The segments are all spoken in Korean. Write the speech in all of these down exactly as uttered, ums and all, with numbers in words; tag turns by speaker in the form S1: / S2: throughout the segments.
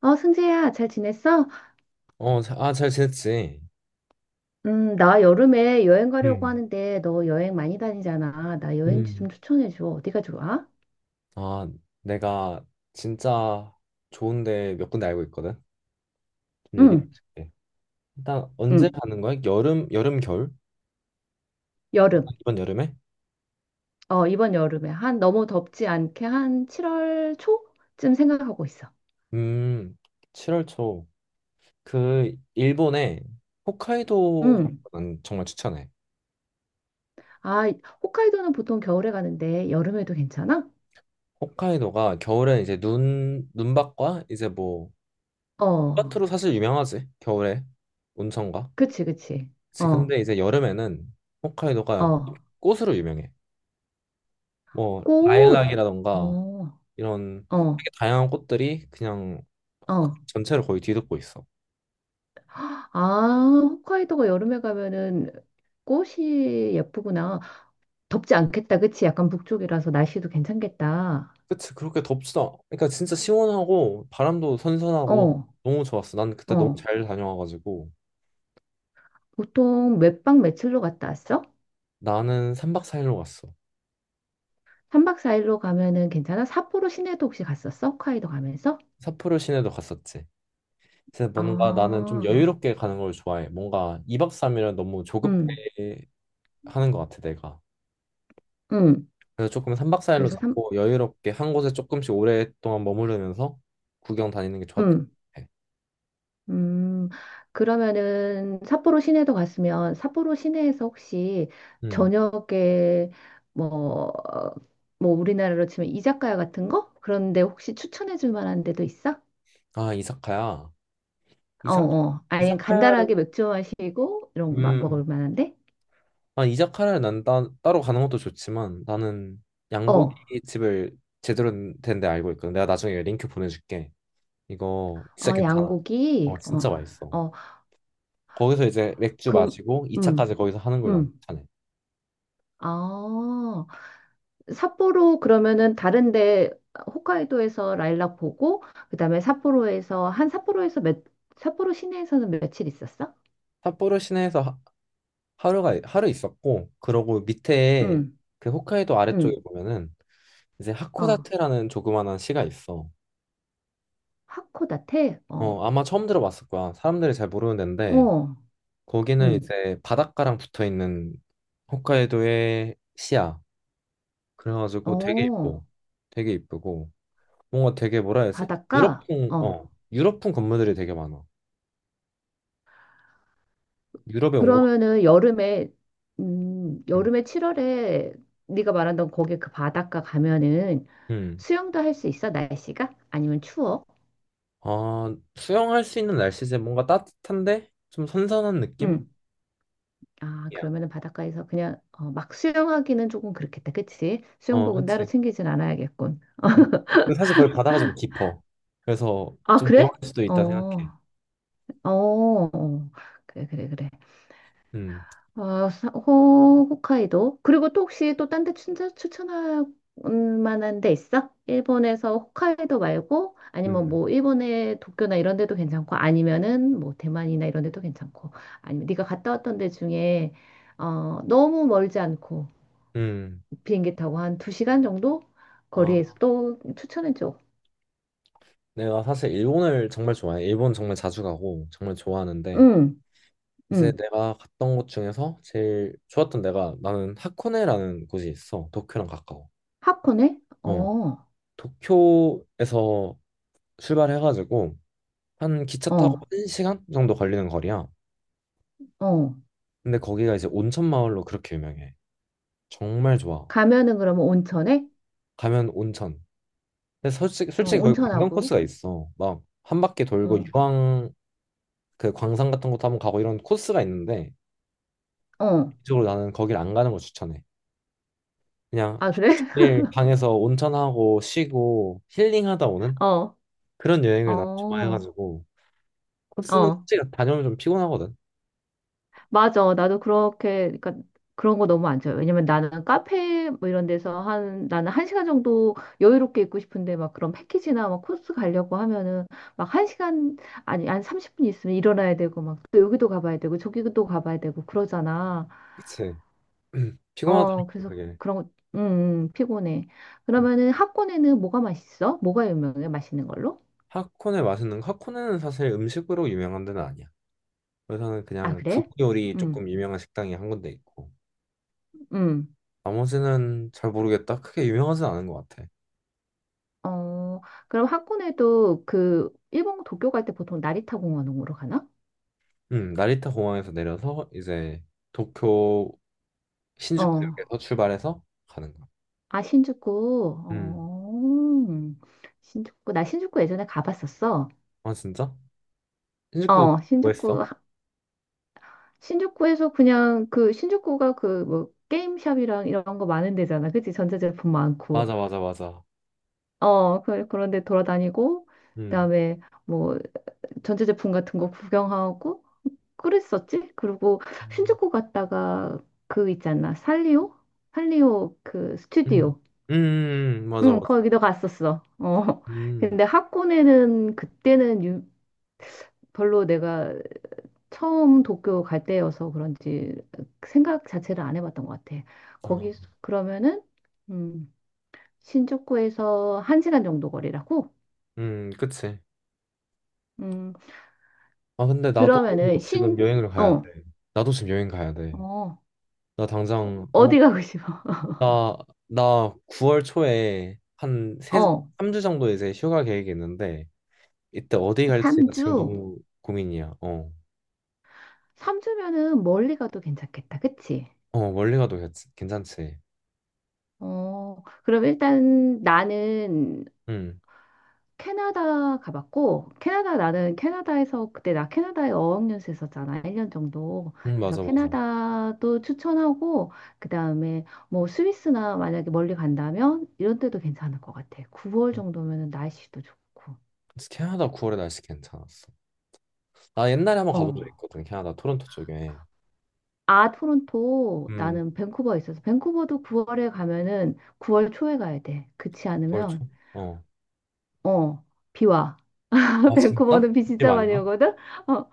S1: 어, 승재야, 잘 지냈어?
S2: 어, 자- 아, 잘 지냈지?
S1: 음, 나 여름에 여행 가려고
S2: 음,
S1: 하는데, 너 여행 많이 다니잖아. 나 여행지 좀
S2: 음,
S1: 추천해줘. 어디가 좋아?
S2: 아, 내가 진짜 좋은데 몇 군데 알고 있거든. 좀 얘기해
S1: 응,
S2: 줄게. 일단 언제
S1: 응,
S2: 가는 거야? 여름, 여름, 겨울?
S1: 여름.
S2: 이번 여름에?
S1: 어, 이번 여름에. 한, 너무 덥지 않게 한 칠월 초쯤 생각하고 있어.
S2: 음, 칠월 초. 그 일본에 호카이도
S1: 응.
S2: 난 정말 추천해.
S1: 아, 홋카이도는 보통 겨울에 가는데, 여름에도 괜찮아?
S2: 호카이도가 겨울에 이제 눈, 눈밭과 이제 뭐
S1: 어,
S2: 눈밭으로 사실 유명하지. 겨울에 온천과.
S1: 그치, 그치.
S2: 지-
S1: 어,
S2: 근데 이제 여름에는 호카이도가
S1: 어.
S2: 꽃으로 유명해. 뭐
S1: 꽃! 어,
S2: 라일락이라던가 이런
S1: 어,
S2: 되게 다양한 꽃들이 그냥 홋카이도
S1: 어.
S2: 전체를 거의 뒤덮고 있어.
S1: 아, 홋카이도가 여름에 가면은 꽃이 예쁘구나. 덥지 않겠다, 그치? 약간 북쪽이라서 날씨도 괜찮겠다.
S2: 그치, 그렇게 덥지도 않- 그러니까 진짜 시원하고 바람도 선선하고
S1: 어,
S2: 너무 좋았어. 난 그때 너무
S1: 어.
S2: 잘 다녀와가지고
S1: 보통 몇 박 며칠로 갔다 왔어?
S2: 나는 삼 박 사 일로 갔어.
S1: 삼 박 사 일로 가면은 괜찮아? 삿포로 시내도 혹시 갔었어? 홋카이도 가면서?
S2: 삿포로 시내도 갔었지. 근데 뭔가 나는 좀
S1: 아,
S2: 여유롭게 가는 걸 좋아해. 뭔가 이 박 삼 일은 너무
S1: 음,
S2: 조급해 하는 것 같아 내가.
S1: 음.
S2: 그래서 조금 삼 박 사 일로
S1: 그래서 삼,
S2: 잡고 여유롭게 한 곳에 조금씩 오랫동안 머무르면서 구경 다니는 게 좋았던 것
S1: 음,
S2: 같아.
S1: 음. 그러면은 삿포로 시내도 갔으면 삿포로 시내에서 혹시
S2: 음.
S1: 저녁에 뭐, 뭐 우리나라로 치면 이자카야 같은 거? 그런데 혹시 추천해 줄 만한 데도 있어?
S2: 아, 이사카야.
S1: 어,
S2: 이사카,
S1: 어. 아니,
S2: 이사카야를,
S1: 간단하게 맥주 마시고, 이런 거 마-
S2: 음,
S1: 먹을 만한데?
S2: 아, 이사카야를 난 따, 따로 가는 것도 좋지만 나는 양고기
S1: 어,
S2: 집을 제대로 된데 알고 있거든. 내가 나중에 링크 보내줄게. 이거 진짜
S1: 어,
S2: 괜찮아.
S1: 양고기,
S2: 어,
S1: 어,
S2: 진짜 맛있어.
S1: 어,
S2: 거기서 이제 맥주
S1: 그,
S2: 마시고
S1: 음,
S2: 이 차까지 거기서 하는 걸난
S1: 음.
S2: 추천해.
S1: 아, 삿포로 그러면은 다른데, 홋카이도에서 라일락 보고, 그 다음에 삿포로에서, 한 삿포로에서 몇, 삿포로 시내에서는 며칠 있었어?
S2: 삿포로 시내에서 하, 하루가, 하루 있었고, 그러고 밑에
S1: 음,
S2: 그 홋카이도 아래쪽에
S1: 음,
S2: 보면은 이제
S1: 어.
S2: 하코다테라는 조그만한 시가 있어.
S1: 하코다테? 어,
S2: 어, 아마 처음 들어봤을 거야. 사람들이 잘 모르는 데인데,
S1: 어,
S2: 거기는
S1: 음,
S2: 이제 바닷가랑 붙어 있는 홋카이도의 시야. 그래가지고 되게
S1: 어.
S2: 이뻐. 되게 이쁘고 뭔가 되게 뭐라 해야 되지?
S1: 바닷가?
S2: 유럽풍
S1: 어,
S2: 어 유럽풍 건물들이 되게 많아. 유럽에 온 것 같아.
S1: 그러면은 여름에 음,
S2: 음.
S1: 여름에 칠월에 네가 말한던 거기 그 바닷가 가면은
S2: 음.
S1: 수영도 할 수 있어? 날씨가? 아니면 추워?
S2: 아, 수영할 수 있는 날씨지. 뭔가 따뜻한데 좀 선선한 느낌?
S1: 응. 아,
S2: 이야.
S1: 그러면은 바닷가에서 그냥 어, 막 수영하기는 조금 그렇겠다. 그치?
S2: 어,
S1: 수영복은 따로
S2: 그렇지.
S1: 챙기진 않아야겠군.
S2: 음. 근데 사실 거기 바다가 좀 깊어. 그래서
S1: 아,
S2: 좀
S1: 그래?
S2: 위험할 수도
S1: 어.
S2: 있다 생각해.
S1: 어. 어. 그래, 그래, 그래.
S2: 음.
S1: 어, 사- 호, 홋카이도. 그리고 또 혹시 또 딴 데 추천할 만한 데 있어? 일본에서 홋카이도 말고 아니면
S2: 음.
S1: 뭐 일본의 도쿄나 이런 데도 괜찮고 아니면은 뭐 대만이나 이런 데도 괜찮고 아니면 네가 갔다 왔던 데 중에 어, 너무 멀지 않고
S2: 음.
S1: 비행기 타고 한 두 시간 정도
S2: 아.
S1: 거리에서 또 추천해 줘.
S2: 내가 사실 일본을 정말 좋아해. 일본 정말 자주 가고 정말 좋아하는데
S1: 응,
S2: 이제
S1: 응.
S2: 내가 갔던 곳 중에서 제일 좋았던 데가 나는 하코네라는 곳이 있어. 도쿄랑 가까워.
S1: 하코네?
S2: 어,
S1: 어,
S2: 도쿄에서 출발해가지고 한 기차 타고
S1: 어,
S2: 한시간 정도 걸리는 거리야.
S1: 어.
S2: 근데 거기가 이제 온천 마을로 그렇게 유명해. 정말 좋아.
S1: 가면은 그러면 온천에?
S2: 가면 온천. 근데 솔직히
S1: 어,
S2: 솔직히 거기 관광
S1: 온천하고.
S2: 코스가 있어. 막 한 바퀴 돌고
S1: 어,
S2: 유황 그 광산 같은 것도 한번 가고 이런 코스가 있는데
S1: 어.
S2: 이쪽으로 나는 거길 안 가는 걸 추천해. 그냥
S1: 아,
S2: 하루
S1: 그래?
S2: 종일 방에서 온천하고 쉬고 힐링하다 오는
S1: 어,
S2: 그런 여행을 난
S1: 어,
S2: 좋아해가지고 코스는
S1: 어.
S2: 솔직히 다녀오면 좀 피곤하거든.
S1: 맞아. 나도 그렇게, 그러니까 그런 거 너무 안 좋아요. 왜냐면 나는 카페 뭐 이런 데서 한, 나는 한 시간 정도 여유롭게 있고 싶은데 막 그런 패키지나 막 코스 가려고 하면은 막 한 시간, 아니, 한 삼십 분 있으면 일어나야 되고 막 또 여기도 가봐야 되고 저기도 가봐야 되고 그러잖아.
S2: 그치?
S1: 어,
S2: 피곤하더라고
S1: 그래서
S2: 그게.
S1: 그런 거, 음, 음, 피곤해.
S2: 음.
S1: 그러면은 학원에는 뭐가 맛있어? 뭐가 유명해? 맛있는 걸로?
S2: 하코네 맛있는 거- 하코네는 사실 음식으로 유명한 데는 아니야. 그래서는
S1: 아,
S2: 그냥 두부
S1: 그래?
S2: 요리 조금
S1: 음,
S2: 유명한 식당이 한 군데 있고
S1: 음.
S2: 나머지는 잘 모르겠다. 크게 유명하진 않은 것 같아.
S1: 어, 그럼 학군에도 그 일본 도쿄 갈 때 보통 나리타 공원으로 가나?
S2: 음, 나리타 공항에서 내려서 이제 도쿄
S1: 어,
S2: 신주쿠역에서 출발해서 가는 거야.
S1: 아 신주쿠.
S2: 음,
S1: 어, 신주쿠. 나 신주쿠 예전에 가봤었어.
S2: 아 진짜? 신주쿠
S1: 어,
S2: 뭐
S1: 신주쿠.
S2: 했어?
S1: 하- 신주쿠에서 그냥 그 신주쿠가 그 뭐 게임샵이랑 이런 거 많은 데잖아. 그치? 전자제품 많고.
S2: 맞아, 맞아, 맞아.
S1: 어, 그, 그런데 돌아다니고
S2: 음.
S1: 그다음에 뭐 전자제품 같은 거 구경하고 그랬었지? 그리고
S2: 음.
S1: 신주쿠 갔다가 그 있잖아. 살리오? 살리오 그
S2: 음,
S1: 스튜디오.
S2: 음, 맞아,
S1: 응,
S2: 맞아.
S1: 거기도 갔었어. 어.
S2: 음.
S1: 근데 하코네는 그때는 유- 별로 내가 처음 도쿄 갈 때여서 그런지 생각 자체를 안 해봤던 것 같아.
S2: 어.
S1: 거기 그러면은 음, 신주쿠에서 한 시간 정도 거리라고?
S2: 음, 그치.
S1: 음,
S2: 아, 근데 나도
S1: 그러면은 신,
S2: 지금 여행을 가야 돼.
S1: 어,
S2: 나도 지금 여행 가야 돼.
S1: 어,
S2: 나 당장, 어,
S1: 어디 가고 싶어?
S2: 나, 나 구월 초에 한 세,
S1: 어,
S2: 삼 주 정도 이제 휴가 계획이 있는데, 이때 어디 갈지가 지금
S1: 삼 주?
S2: 너무 고민이야. 어.
S1: 삼 주면은 멀리 가도 괜찮겠다. 그치?
S2: 어, 멀리 가도 괜찮- 괜찮지.
S1: 어, 그럼 일단 나는
S2: 응,
S1: 캐나다 가봤고, 캐나다 나는 캐나다에서 그때 나 캐나다에 어학연수 했었잖아. 일 년 정도.
S2: 응,
S1: 그래서
S2: 맞아, 맞아.
S1: 캐나다도 추천하고, 그 다음에 뭐 스위스나 만약에 멀리 간다면 이런 데도 괜찮을 것 같아. 구월 정도면은 날씨도 좋고.
S2: 캐나다 구월에 날씨 괜찮았어. 나 옛날에 한번 가본 적
S1: 어.
S2: 있거든, 캐나다 토론토 쪽에.
S1: 아, 토론토,
S2: 음.
S1: 나는 밴쿠버에 있어서, 밴쿠버도 구월에 가면은 구월 초에 가야 돼. 그렇지
S2: 벌초?
S1: 않으면
S2: 어.
S1: 어, 비 와.
S2: 아 진짜?
S1: 밴쿠버는 비
S2: 집
S1: 진짜
S2: 아니야?
S1: 많이 오거든?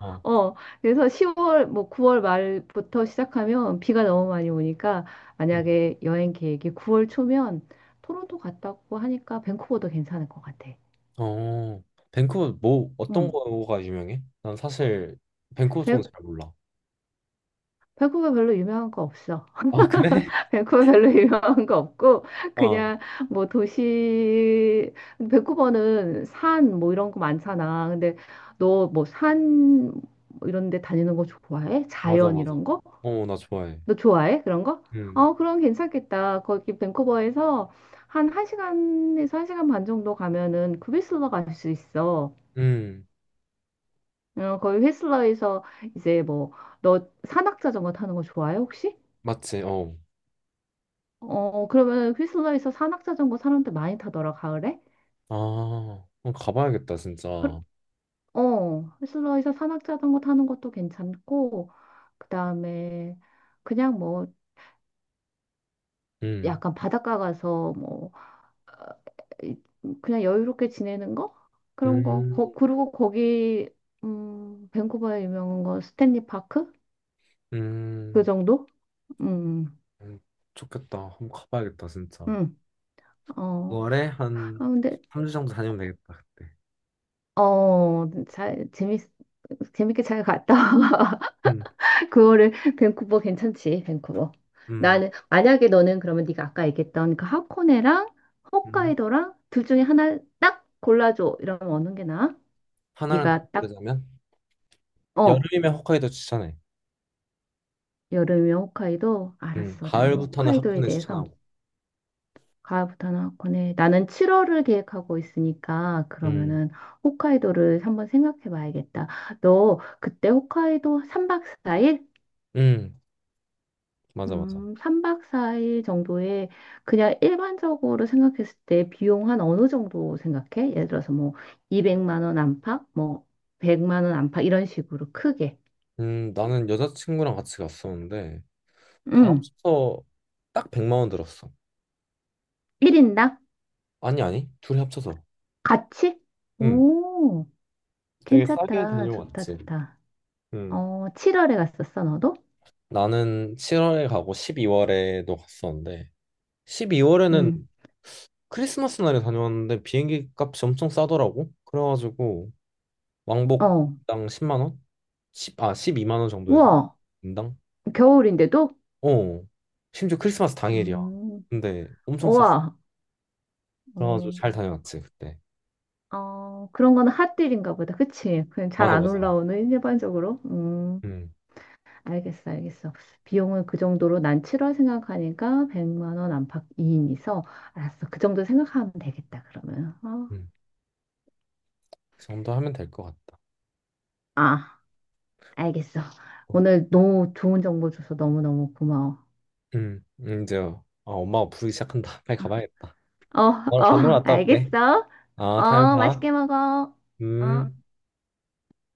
S2: 어.
S1: 어. 그래서 시월, 뭐 구월 말부터 시작하면 비가 너무 많이 오니까
S2: 응.
S1: 만약에 여행 계획이 구월 초면 토론토 갔다고 하니까 밴쿠버도 괜찮을 것 같아.
S2: 어. 밴쿠버 뭐 어떤
S1: 응.
S2: 거가 유명해? 난 사실 밴쿠버 쪽은
S1: 밴,
S2: 잘 몰라.
S1: 밴쿠버 별로 유명한 거 없어.
S2: 아 그래?
S1: 밴쿠버 별로 유명한 거 없고,
S2: 어.
S1: 그냥 뭐 도시, 밴쿠버는 산 뭐 이런 거 많잖아. 근데 너 뭐산 뭐 이런 데 다니는 거 좋아해?
S2: 맞아
S1: 자연
S2: 맞아.
S1: 이런 거?
S2: 어, 나 좋아해.
S1: 너 좋아해? 그런 거?
S2: 음.
S1: 어, 그럼 괜찮겠다. 거기 밴쿠버에서 한 1시간에서 한 시간 반 정도 가면은 그 휘슬러 갈 수 있어.
S2: 음.
S1: 어, 거기 휘슬러에서 이제 뭐, 너 산악자전거 타는 거 좋아해, 혹시?
S2: 맞지. 어.
S1: 어, 그러면 휘슬러에서 산악자전거 사람들 많이 타더라, 가을에?
S2: 아. 어, 가봐야겠다
S1: 그,
S2: 진짜.
S1: 어, 휘슬러에서 산악자전거 타는 것도 괜찮고, 그 다음에 그냥 뭐,
S2: 음.
S1: 약간 바닷가 가서 뭐, 이- 그냥 여유롭게 지내는 거? 그런 거.
S2: 음.
S1: 거 그리고 거기 음, 밴쿠버에 유명한 건 스탠리 파크? 그
S2: 음.
S1: 정도? 음.
S2: 음. 좋겠다. 한번 가봐야겠다 진짜.
S1: 음. 어.
S2: 유월에
S1: 아
S2: 한
S1: 근데
S2: 삼 주 정도 다니면 되겠다 그때.
S1: 어, 잘 재밌 재밌게 잘 갔다.
S2: 음.
S1: 그거를 밴쿠버 괜찮지. 밴쿠버.
S2: 음.
S1: 나는 만약에 너는 그러면 네가 아까 얘기했던 그 하코네랑
S2: 음.
S1: 홋카이도랑 둘 중에 하나 딱 골라줘. 이러면 어느 게 나아?
S2: 하나를 딱
S1: 네가 딱
S2: 고르자면?
S1: 어,
S2: 여름이면 홋카이도 추천해.
S1: 여름이면 홋카이도?
S2: 음,
S1: 알았어. 내가
S2: 가을부터는 하코
S1: 홋카이도에
S2: 네
S1: 대해서
S2: 추천하고.
S1: 가을부터는 하코네. 나는 칠월을 계획하고 있으니까
S2: 음,
S1: 그러면은 홋카이도를 한번 생각해 봐야겠다. 너 그때 홋카이도 삼 박 사 일?
S2: 음, 맞아, 맞아.
S1: 음, 삼 박 사 일 정도에 그냥 일반적으로 생각했을 때 비용 한 어느 정도 생각해? 예를 들어서 뭐 이백만 원 안팎, 뭐 백만 원 안팎 이런 식으로 크게.
S2: 음, 나는 여자친구랑 같이 갔었는데 다
S1: 음,
S2: 합쳐서 딱 백만 원 들었어.
S1: 일 인당
S2: 아니, 아니, 둘이 합쳐서.
S1: 같이?
S2: 음,
S1: 오.
S2: 되게 싸게
S1: 괜찮다. 좋다,
S2: 다녀왔지.
S1: 좋다.
S2: 음,
S1: 어, 칠월에 갔었어, 너도?
S2: 나는 칠월에 가고 십이월에도 갔었는데 십이월에는
S1: 응.
S2: 크리스마스 날에 다녀왔는데 비행기 값이 엄청 싸더라고. 그래가지고
S1: 어.
S2: 왕복당 십만 원? 십 아, 십이만 원 정도 해서
S1: 우와.
S2: 인당?
S1: 겨울인데도?
S2: 어, 심지어 크리스마스 당일이야.
S1: 음.
S2: 근데 엄청 쌌어.
S1: 우와.
S2: 그래가지고
S1: 어,
S2: 잘 다녀왔지, 그때.
S1: 어, 그런 거는 핫딜인가 보다. 그치? 그냥 잘
S2: 맞아,
S1: 안
S2: 맞아.
S1: 올라오는 일반적으로. 음.
S2: 음,
S1: 알겠어, 알겠어. 비용은 그 정도로 난 칠월 생각하니까 백만 원 안팎 이 인이서 알았어. 그 정도 생각하면 되겠다, 그러면. 어.
S2: 음. 그 정도 하면 될 것 같다.
S1: 아, 알겠어.
S2: 어,
S1: 오늘 너무 좋은 정보 줘서 너무너무 고마워.
S2: 음, 음, 이제 아, 엄마가 부르기 시작한다. 빨리
S1: 아.
S2: 가봐야겠다.
S1: 어,
S2: 너랑
S1: 어,
S2: 밥 먹으러 갔다 올게.
S1: 알겠어.
S2: 아, 다음에
S1: 어,
S2: 봐.
S1: 맛있게 먹어. 어.
S2: 음.